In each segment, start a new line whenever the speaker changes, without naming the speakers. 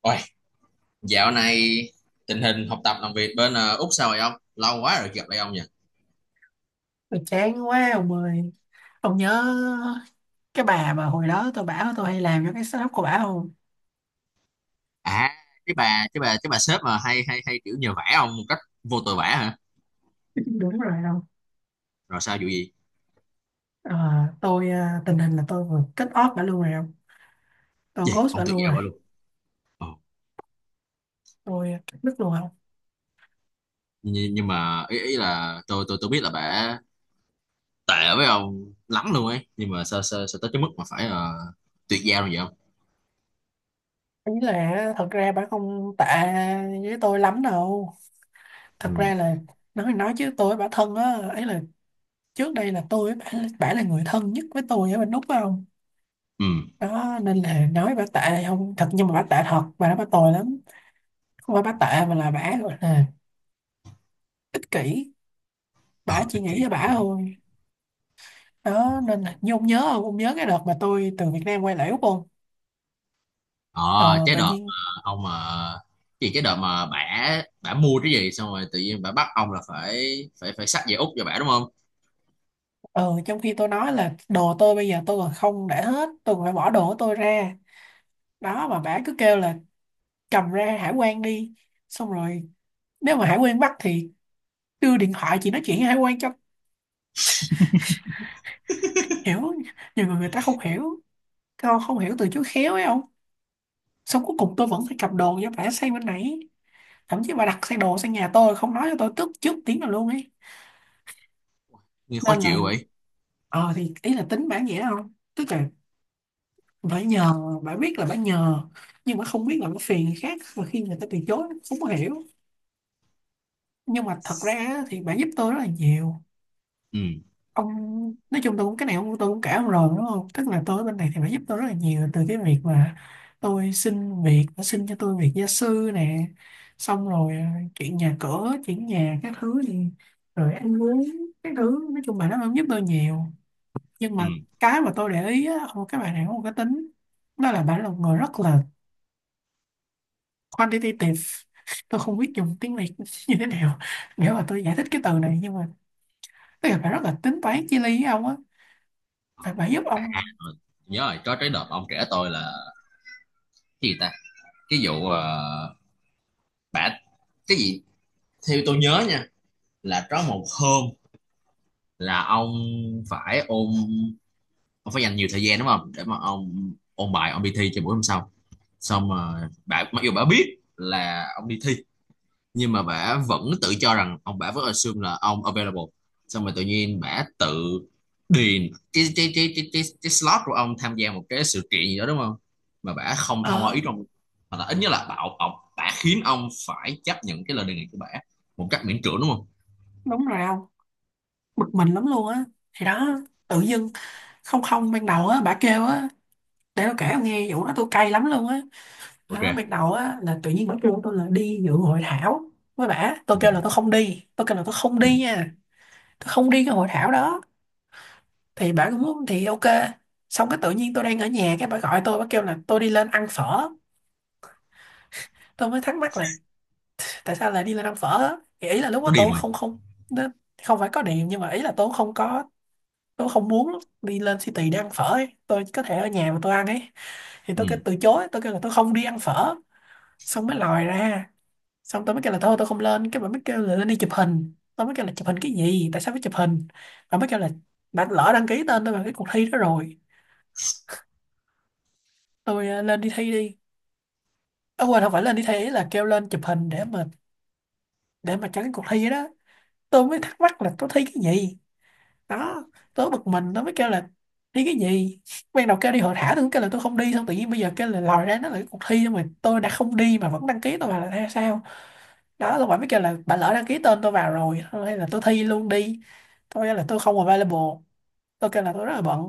Ôi, dạo này tình hình học tập làm việc bên Úc sao rồi ông? Lâu quá rồi gặp lại ông nhỉ?
Tôi chán quá ông ơi. Ông nhớ cái bà mà hồi đó tôi bảo tôi hay làm cho cái setup của bà không?
À, cái bà sếp mà hay hay hay kiểu nhờ vả ông một cách vô tội vả hả?
Đúng rồi không.
Rồi sao vụ gì?
Ờ, Tôi tình hình là tôi vừa kết off bà luôn rồi không. Tôi
Gì?
ghost
Ông
bà
tuyệt
luôn
giao
rồi.
bà luôn. Ồ,
Tôi cắt đứt luôn không.
nhưng mà ý ý là tôi biết là bà tệ với ông lắm luôn ấy, nhưng mà sao sao, sao tới cái mức mà phải tuyệt giao như vậy không?
Ý là thật ra bà không tệ với tôi lắm đâu.
Ừ.
Thật ra là nói thì nói chứ tôi với bà thân á. Ấy là trước đây là tôi với bà là người thân nhất với tôi ở bên Úc phải không,
Ừ.
đó nên là nói bà tệ không thật, nhưng mà bà tệ thật, bà nói bà tồi lắm. Không phải bà tệ mà là bà gọi là ích kỷ,
Ờ,
bả chỉ
ích kỷ.
nghĩ cho bả thôi. Đó nên là như ông nhớ không, ông nhớ cái đợt mà tôi từ Việt Nam quay lại Úc không?
ờ
Ờ,
cái
Tự
đợt
nhiên
mà ông mà cái gì, cái đợt mà bả bả mua cái gì xong rồi tự nhiên bả bắt ông là phải phải phải xách về Úc cho bả, đúng không?
ờ, trong khi tôi nói là đồ tôi bây giờ tôi còn không để hết, tôi còn phải bỏ đồ của tôi ra, đó mà bả cứ kêu là cầm ra hải quan đi, xong rồi nếu mà hải quan bắt thì đưa điện thoại chị nói chuyện với hải quan cho hiểu. Nhiều người người ta không hiểu, không hiểu từ chối khéo ấy không. Xong cuối cùng tôi vẫn phải cầm đồ cho bả sang bên này. Thậm chí bà đặt xe đồ sang nhà tôi không nói cho tôi trước trước tiếng là luôn ấy.
Nghe khó
Nên là
chịu vậy.
ờ thì ý là tính bản vậy không, tức là bả nhờ, bả biết là bả nhờ, nhưng mà không biết là bả phiền người khác và khi người ta từ chối không có hiểu. Nhưng mà thật ra á, thì bả giúp tôi rất là nhiều
Ừ,
ông. Nói chung tôi cũng cái này ông, tôi cũng cả ông rồi đúng không, tức là tôi ở bên này thì bả giúp tôi rất là nhiều, từ cái việc mà tôi xin việc, bả xin cho tôi việc gia sư nè, xong rồi chuyện nhà cửa chuyện nhà các thứ thì, rồi ăn uống các thứ, nói chung bà nó giúp tôi nhiều. Nhưng
ừ.
mà cái mà tôi để ý á không, các bạn này có một cái tính, đó là bạn là một người rất là quantitative. Tôi không biết dùng tiếng Việt như thế nào, nghĩa là tôi giải thích cái từ này, nhưng mà tức là bạn rất là tính toán chi lý với ông á, phải bạn giúp
À,
ông.
rồi. Nhớ rồi, có cái đợt ông kể tôi là cái gì ta, cái vụ bả cái gì, theo tôi nhớ nha, là có một hôm là phải ôn ông phải dành nhiều thời gian, đúng không, để mà ông ôn bài ông đi thi cho buổi hôm sau. Xong mà bà, mặc dù bà biết là ông đi thi nhưng mà bả vẫn tự cho rằng ông, bả vẫn assume là ông available. Xong rồi tự nhiên bả tự điền cái slot của ông tham gia một cái sự kiện gì đó, đúng không, mà bả không thông qua
Ờ
ý trong. Mà là ít nhất là bảo ông, bả khiến ông phải chấp nhận cái lời đề nghị của bả một cách miễn cưỡng, đúng không?
đúng rồi ông, bực mình lắm luôn á. Thì đó, tự dưng không không ban đầu á bà kêu á, để tôi kể ông nghe vụ đó, tôi cay lắm luôn á. Đó,
Ok.
ban đầu á là tự nhiên bà kêu tôi là đi dự hội thảo với bả, tôi
Ừ.
kêu là tôi không đi, tôi kêu là tôi không
Ừ.
đi nha, tôi không đi cái hội thảo đó. Thì bà cũng muốn thì ok. Xong cái tự nhiên tôi đang ở nhà, cái bà gọi tôi bà kêu là tôi đi lên ăn phở. Tôi mới thắc mắc là tại sao lại đi lên ăn phở á? Thì ý là lúc đó
Nó điềm
tôi
rồi.
không không, nó không phải có điểm, nhưng mà ý là tôi không có, tôi không muốn đi lên city để ăn phở ấy. Tôi có thể ở nhà mà tôi ăn ấy. Thì
Ừ,
tôi kêu từ chối, tôi kêu là tôi không đi ăn phở. Xong mới lòi ra, xong tôi mới kêu là thôi tôi không lên, cái bà mới kêu là lên đi chụp hình, tôi mới kêu là chụp hình cái gì, tại sao phải chụp hình. Bà mới kêu là bà lỡ đăng ký tên tôi vào cái cuộc thi đó rồi, tôi lên đi thi đi. À, quên không phải lên đi thi, ý là kêu lên chụp hình để mà, để mà tránh cuộc thi đó. Tôi mới thắc mắc là tôi thi cái gì. Đó, tôi bực mình tôi mới kêu là thi cái gì. Ban đầu kêu đi hội thảo tôi cũng kêu là tôi không đi, xong tự nhiên bây giờ kêu là lòi ra nó là cái cuộc thi mà tôi đã không đi mà vẫn đăng ký tôi vào là hay sao. Đó tôi bảo mới kêu là bà lỡ đăng ký tên tôi vào rồi thôi hay là tôi thi luôn đi. Tôi kêu là tôi không available, tôi kêu là tôi rất là bận.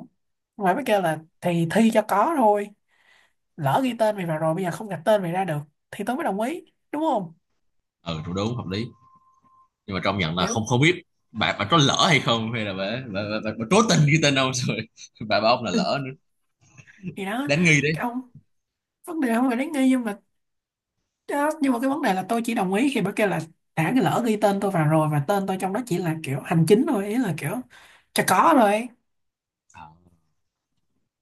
Ngoài mới kêu là thì thi cho có thôi, lỡ ghi tên mày vào rồi bây giờ không gạch tên mày ra được. Thì tôi mới đồng ý đúng không.
ừ. Tôi, đúng, hợp lý, nhưng mà trong nhận là
Kiểu,
không không biết bà có lỡ hay không hay là bà cố tình ghi tên ông rồi bà bảo ông là lỡ nữa.
thì đó,
Đáng nghi
cái
đấy.
ông vấn đề không phải đến nghi nhưng mà, đó, nhưng mà cái vấn đề là tôi chỉ đồng ý khi bà kêu là đã cái lỡ ghi tên tôi vào rồi và tên tôi trong đó chỉ là kiểu hành chính thôi, ý là kiểu chả có rồi.
À,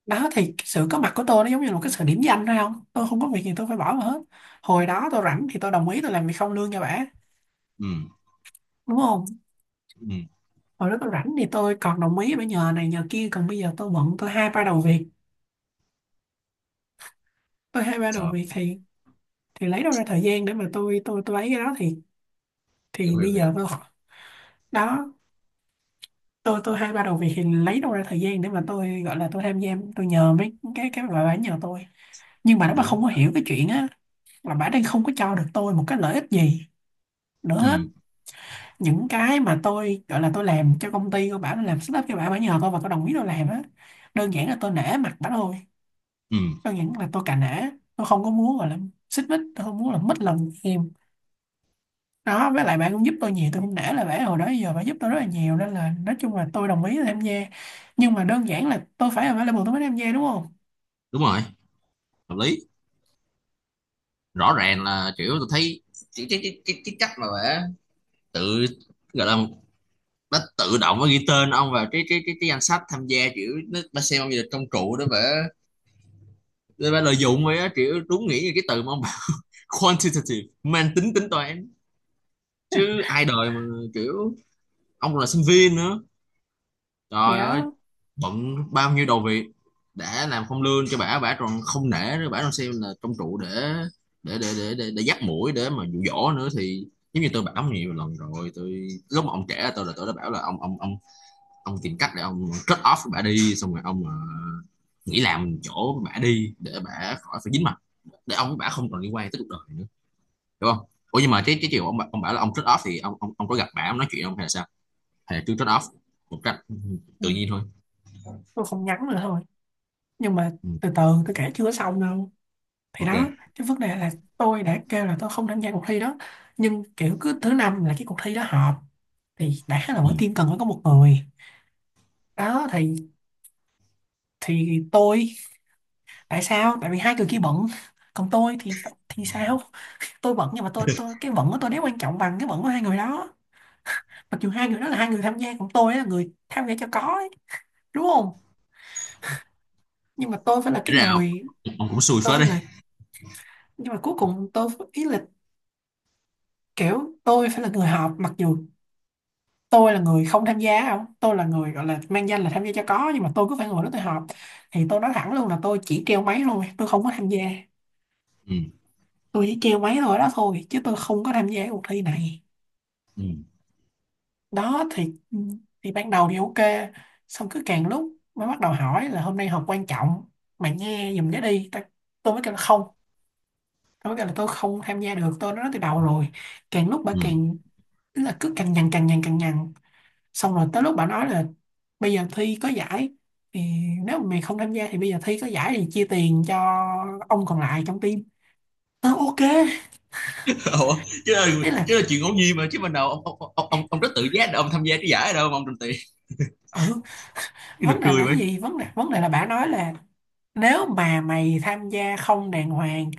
Đó thì sự có mặt của tôi nó giống như là một cái sự điểm danh thôi không, tôi không có việc gì tôi phải bỏ vào hết. Hồi đó tôi rảnh thì tôi đồng ý tôi làm việc không lương cho bả
ừ,
đúng không.
ừ.
Hồi đó tôi rảnh thì tôi còn đồng ý bả nhờ này nhờ kia, còn bây giờ tôi bận, tôi hai ba đầu việc. tôi hai ba đầu
Trời,
việc thì thì lấy đâu ra thời gian để mà tôi ấy cái đó thì
hiểu hiểu
bây
hiểu.
giờ tôi đó, tôi hay bắt đầu việc thì lấy đâu ra thời gian để mà tôi gọi là tôi tham gia, tôi nhờ mấy cái bà bả nhờ tôi. Nhưng mà nó bà
Đúng.
không có hiểu cái chuyện á là bà đang không có cho được tôi một cái lợi ích gì nữa hết.
Ừ,
Những cái mà tôi gọi là tôi làm cho công ty của bà, tôi làm setup cho bà, bả nhờ tôi và tôi đồng ý tôi làm á, đơn giản là tôi nể mặt bả thôi.
ừ.
Đơn giản là tôi cà nể, tôi không có muốn gọi là xích mích, tôi không muốn là mất lòng em. Đó với lại bạn cũng giúp tôi nhiều, tôi cũng nể là bạn hồi đó giờ bạn giúp tôi rất là nhiều, nên là nói chung là tôi đồng ý là tham gia. Nhưng mà đơn giản là tôi phải available tôi mới tham gia đúng không.
Đúng rồi, hợp lý. Rõ ràng là kiểu tôi thấy cái cách mà bả tự, gọi là, nó tự động nó ghi tên ông vào cái danh sách tham gia, kiểu nó xem ông như là công cụ đó bả, để bả lợi dụng vậy á. Kiểu đúng nghĩa như cái từ mà ông bảo quantitative, mang tính tính toán. Chứ ai đời mà kiểu ông còn là sinh viên nữa,
Thì
trời ơi,
đó,
bận bao nhiêu đầu việc. Đã làm không lương cho bả, bả còn không nể nữa, bả còn xem là công cụ để dắt mũi để mà dụ dỗ nữa thì giống như tôi bảo nhiều lần rồi, tôi lúc mà ông trẻ tôi là tôi đã bảo là ông tìm cách để ông cut off với bả đi. Xong rồi ông nghỉ làm chỗ bả đi để bả khỏi phải dính mặt, để ông với bả không còn liên quan tới cuộc đời nữa, hiểu không? Ủa nhưng mà cái chiều ông ông bảo là ông cut off thì ông có gặp bả ông nói chuyện không hay là sao? Hay là cứ cut off một cách
ừ,
tự nhiên thôi?
tôi không nhắn nữa thôi. Nhưng mà
Ừ.
từ từ, tôi kể chưa xong đâu. Thì
Ok.
đó, cái vấn đề là tôi đã kêu là tôi không tham gia cuộc thi đó, nhưng kiểu cứ thứ năm là cái cuộc thi đó họp, thì đã là
Ừ.
mỗi team cần phải có một người. Đó thì tôi, tại sao, tại vì hai người kia bận, còn tôi thì sao, tôi bận, nhưng mà tôi cái bận của tôi nếu quan trọng bằng cái bận của hai người đó, mặc dù hai người đó là hai người tham gia còn tôi là người tham gia cho có ấy, đúng không. Nhưng mà tôi phải là
Để
cái
ra,
người,
ông cũng xui
tôi
phết
phải
đi.
là, nhưng mà cuối cùng tôi ý là kiểu tôi phải là người họp, mặc dù tôi là người không tham gia không, tôi là người gọi là mang danh là tham gia cho có, nhưng mà tôi cứ phải ngồi đó tôi họp. Thì tôi nói thẳng luôn là tôi chỉ treo máy thôi, tôi không có tham gia.
Ừ.
Tôi chỉ treo máy thôi đó thôi, chứ tôi không có tham gia cuộc thi này.
Ừ.
Đó thì ban đầu thì ok. Xong cứ càng lúc mới bắt đầu hỏi là hôm nay họp quan trọng, mày nghe giùm để đi tôi mới kêu là không, tôi mới kêu là tôi không tham gia được, tôi đã nói từ đầu rồi. Càng lúc bà
Ừ.
càng, tức là cứ càng nhằn càng nhằn càng nhằn. Xong rồi tới lúc bà nói là bây giờ thi có giải, thì nếu mà mày không tham gia thì bây giờ thi có giải thì chia tiền cho ông còn lại trong team, tôi ok.
Ủa, chứ là,
Đấy là,
chứ là chuyện ngẫu nhiên mà, chứ ban đầu ông rất tự giác để ông tham gia cái giải ở đâu mà ông trình tiền.
ừ,
Cái nó
vấn đề là
cười
cái
mấy.
gì, vấn đề, vấn đề là bà nói là nếu mà mày tham gia không đàng hoàng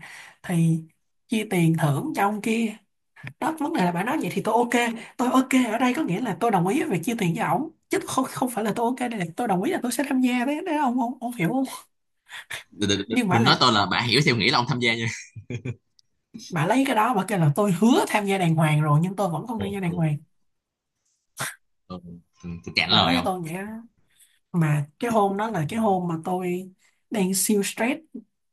thì chia tiền thưởng cho ông kia. Đó vấn đề là bà nói vậy thì tôi ok. Tôi ok ở đây có nghĩa là tôi đồng ý về chia tiền cho ổng chứ không, không phải là tôi ok đây là tôi đồng ý là tôi sẽ tham gia, đấy đấy ông ông hiểu không. Nhưng bà
Đừng, nói
là,
tôi là bạn hiểu theo nghĩ là ông tham gia nha.
bà lấy cái đó bà kêu là tôi hứa tham gia đàng hoàng rồi, nhưng tôi vẫn không
Ừ,
tham gia đàng
ừ,
hoàng.
ừ, ừ, tôi cạn
Bà nói
lời
với
không.
tôi vậy đó. Mà cái hôm đó là cái hôm mà tôi đang siêu stress,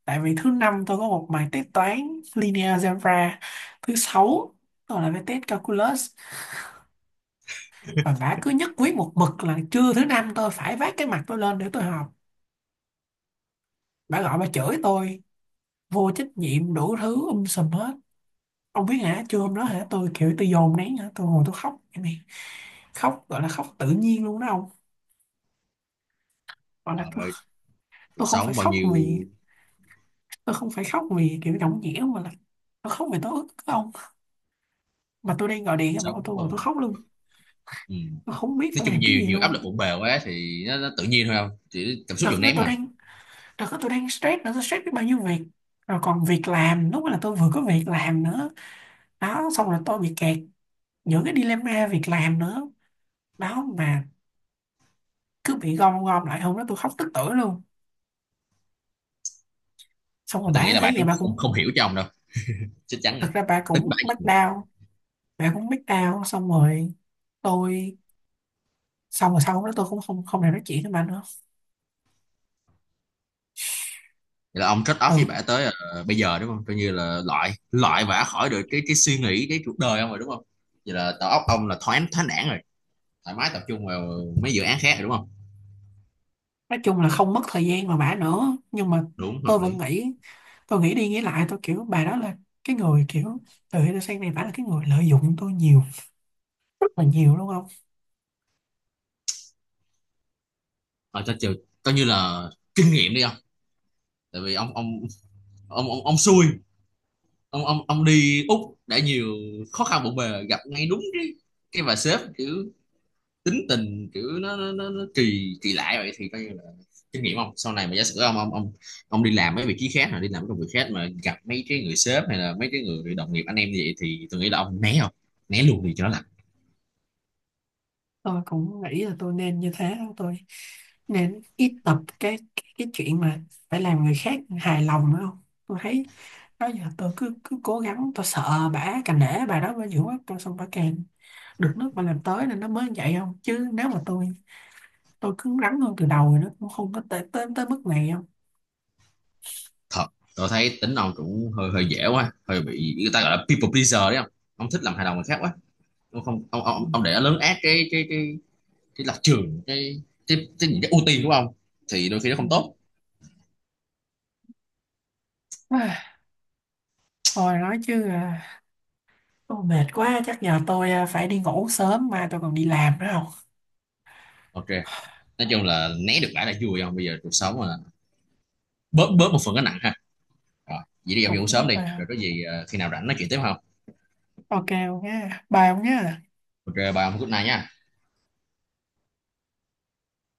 tại vì thứ năm tôi có một bài test toán linear algebra, thứ sáu tôi là bài test calculus, và bả cứ nhất quyết một mực là trưa thứ năm tôi phải vác cái mặt tôi lên để tôi học. Bà gọi bà chửi tôi vô trách nhiệm đủ thứ sùm hết. Ông biết hả, trưa hôm đó hả, tôi kiểu tôi dồn nén hả, tôi ngồi tôi khóc vậy này, khóc gọi là khóc tự nhiên luôn đó ông, gọi là
Trời ơi, cuộc
tôi không phải
sống bao
khóc
nhiêu.
vì, tôi không phải khóc vì kiểu nhõng nhẽo, mà là tôi khóc vì tôi ức ông, mà tôi đang ngồi
Cuộc
điện mà
sống
tôi ngồi tôi
không.
khóc luôn.
Ừ.
Tôi không biết
Nói
phải
chung
làm cái
nhiều
gì
nhiều
luôn
áp lực
không.
bộn bề quá thì nó tự nhiên thôi không, chỉ cảm xúc
Đợt
dồn
đó
nén
tôi
mà.
đang, đợt đó tôi đang stress nữa, tôi stress biết bao nhiêu việc, rồi còn việc làm lúc đó là tôi vừa có việc làm nữa. Đó xong rồi tôi bị kẹt giữa cái dilemma việc làm nữa. Đó mà cứ bị gom gom lại, hôm đó tôi khóc tức tưởi luôn. Xong
Mà
rồi bà
tôi nghĩ
ấy
là
thấy
bạn
vậy
cũng
bà
không
cũng,
không hiểu cho ông đâu, chắc chắn rồi,
thực ra bà
tính
cũng
bạn.
back down. Bà cũng back down, xong rồi tôi, xong rồi sau hôm đó tôi cũng không không thể nói chuyện với bà nữa.
Vậy là ông trade off với
Ừ,
bả tới bây giờ, đúng không, coi như là loại loại bả khỏi được cái suy nghĩ, cái cuộc đời ông rồi, đúng không? Vậy là đầu óc ông là thoáng thoáng đãng rồi, thoải mái tập trung vào mấy dự án khác rồi, đúng không?
nói chung là không mất thời gian mà bà nữa, nhưng mà
Đúng,
tôi
hợp
vẫn
lý.
nghĩ, tôi nghĩ đi nghĩ lại tôi kiểu bà đó là cái người kiểu từ khi tôi sang này bà là cái người lợi dụng tôi nhiều, rất là nhiều đúng không.
Ở cho chiều, coi như là kinh nghiệm đi ông. Tại vì ông xui, ông đi Úc đã nhiều khó khăn bộn bề, gặp ngay đúng cái bà sếp kiểu tính tình kiểu nó kỳ kỳ lạ vậy thì coi như là kinh nghiệm ông sau này mà giả sử ông đi làm mấy vị trí khác hoặc đi làm mấy công việc khác mà gặp mấy cái người sếp hay là mấy cái người đồng nghiệp anh em như vậy thì tôi nghĩ là ông né không, né luôn đi cho nó lạnh.
Tôi cũng nghĩ là tôi nên như thế, tôi nên ít tập cái cái chuyện mà phải làm người khác hài lòng nữa không, tôi thấy đó giờ tôi cứ cứ cố gắng tôi sợ bả, càng nể bà đó bà dữ quá, tôi xong bà càng được nước mà làm tới, nên nó mới vậy không, chứ nếu mà tôi cứng rắn hơn từ đầu thì nó cũng không có tới tới tới mức này không.
Thật, tôi thấy tính ông cũng hơi hơi dễ quá, hơi bị người ta gọi là people pleaser đấy không, ông thích làm hài lòng người khác quá. Ông không ông
Ừ.
ông, ông để lớn át cái lập trường, những cái ưu tiên của ông, thì đôi khi nó
Ừ.
không tốt.
À, thôi nói chứ ô, mệt quá chắc giờ tôi phải đi ngủ, sớm mai tôi còn đi làm nữa không.
Ok. Nói chung là né được lại là vui không, bây giờ cuộc sống mà bớt bớt một phần cái nặng ha. Rồi, vậy đi gặp vụ
Cũng
sớm đi rồi có gì khi nào rảnh nói chuyện tiếp không?
ok ông nhé, bye ông nhé.
Ok, bye ông, good night nha.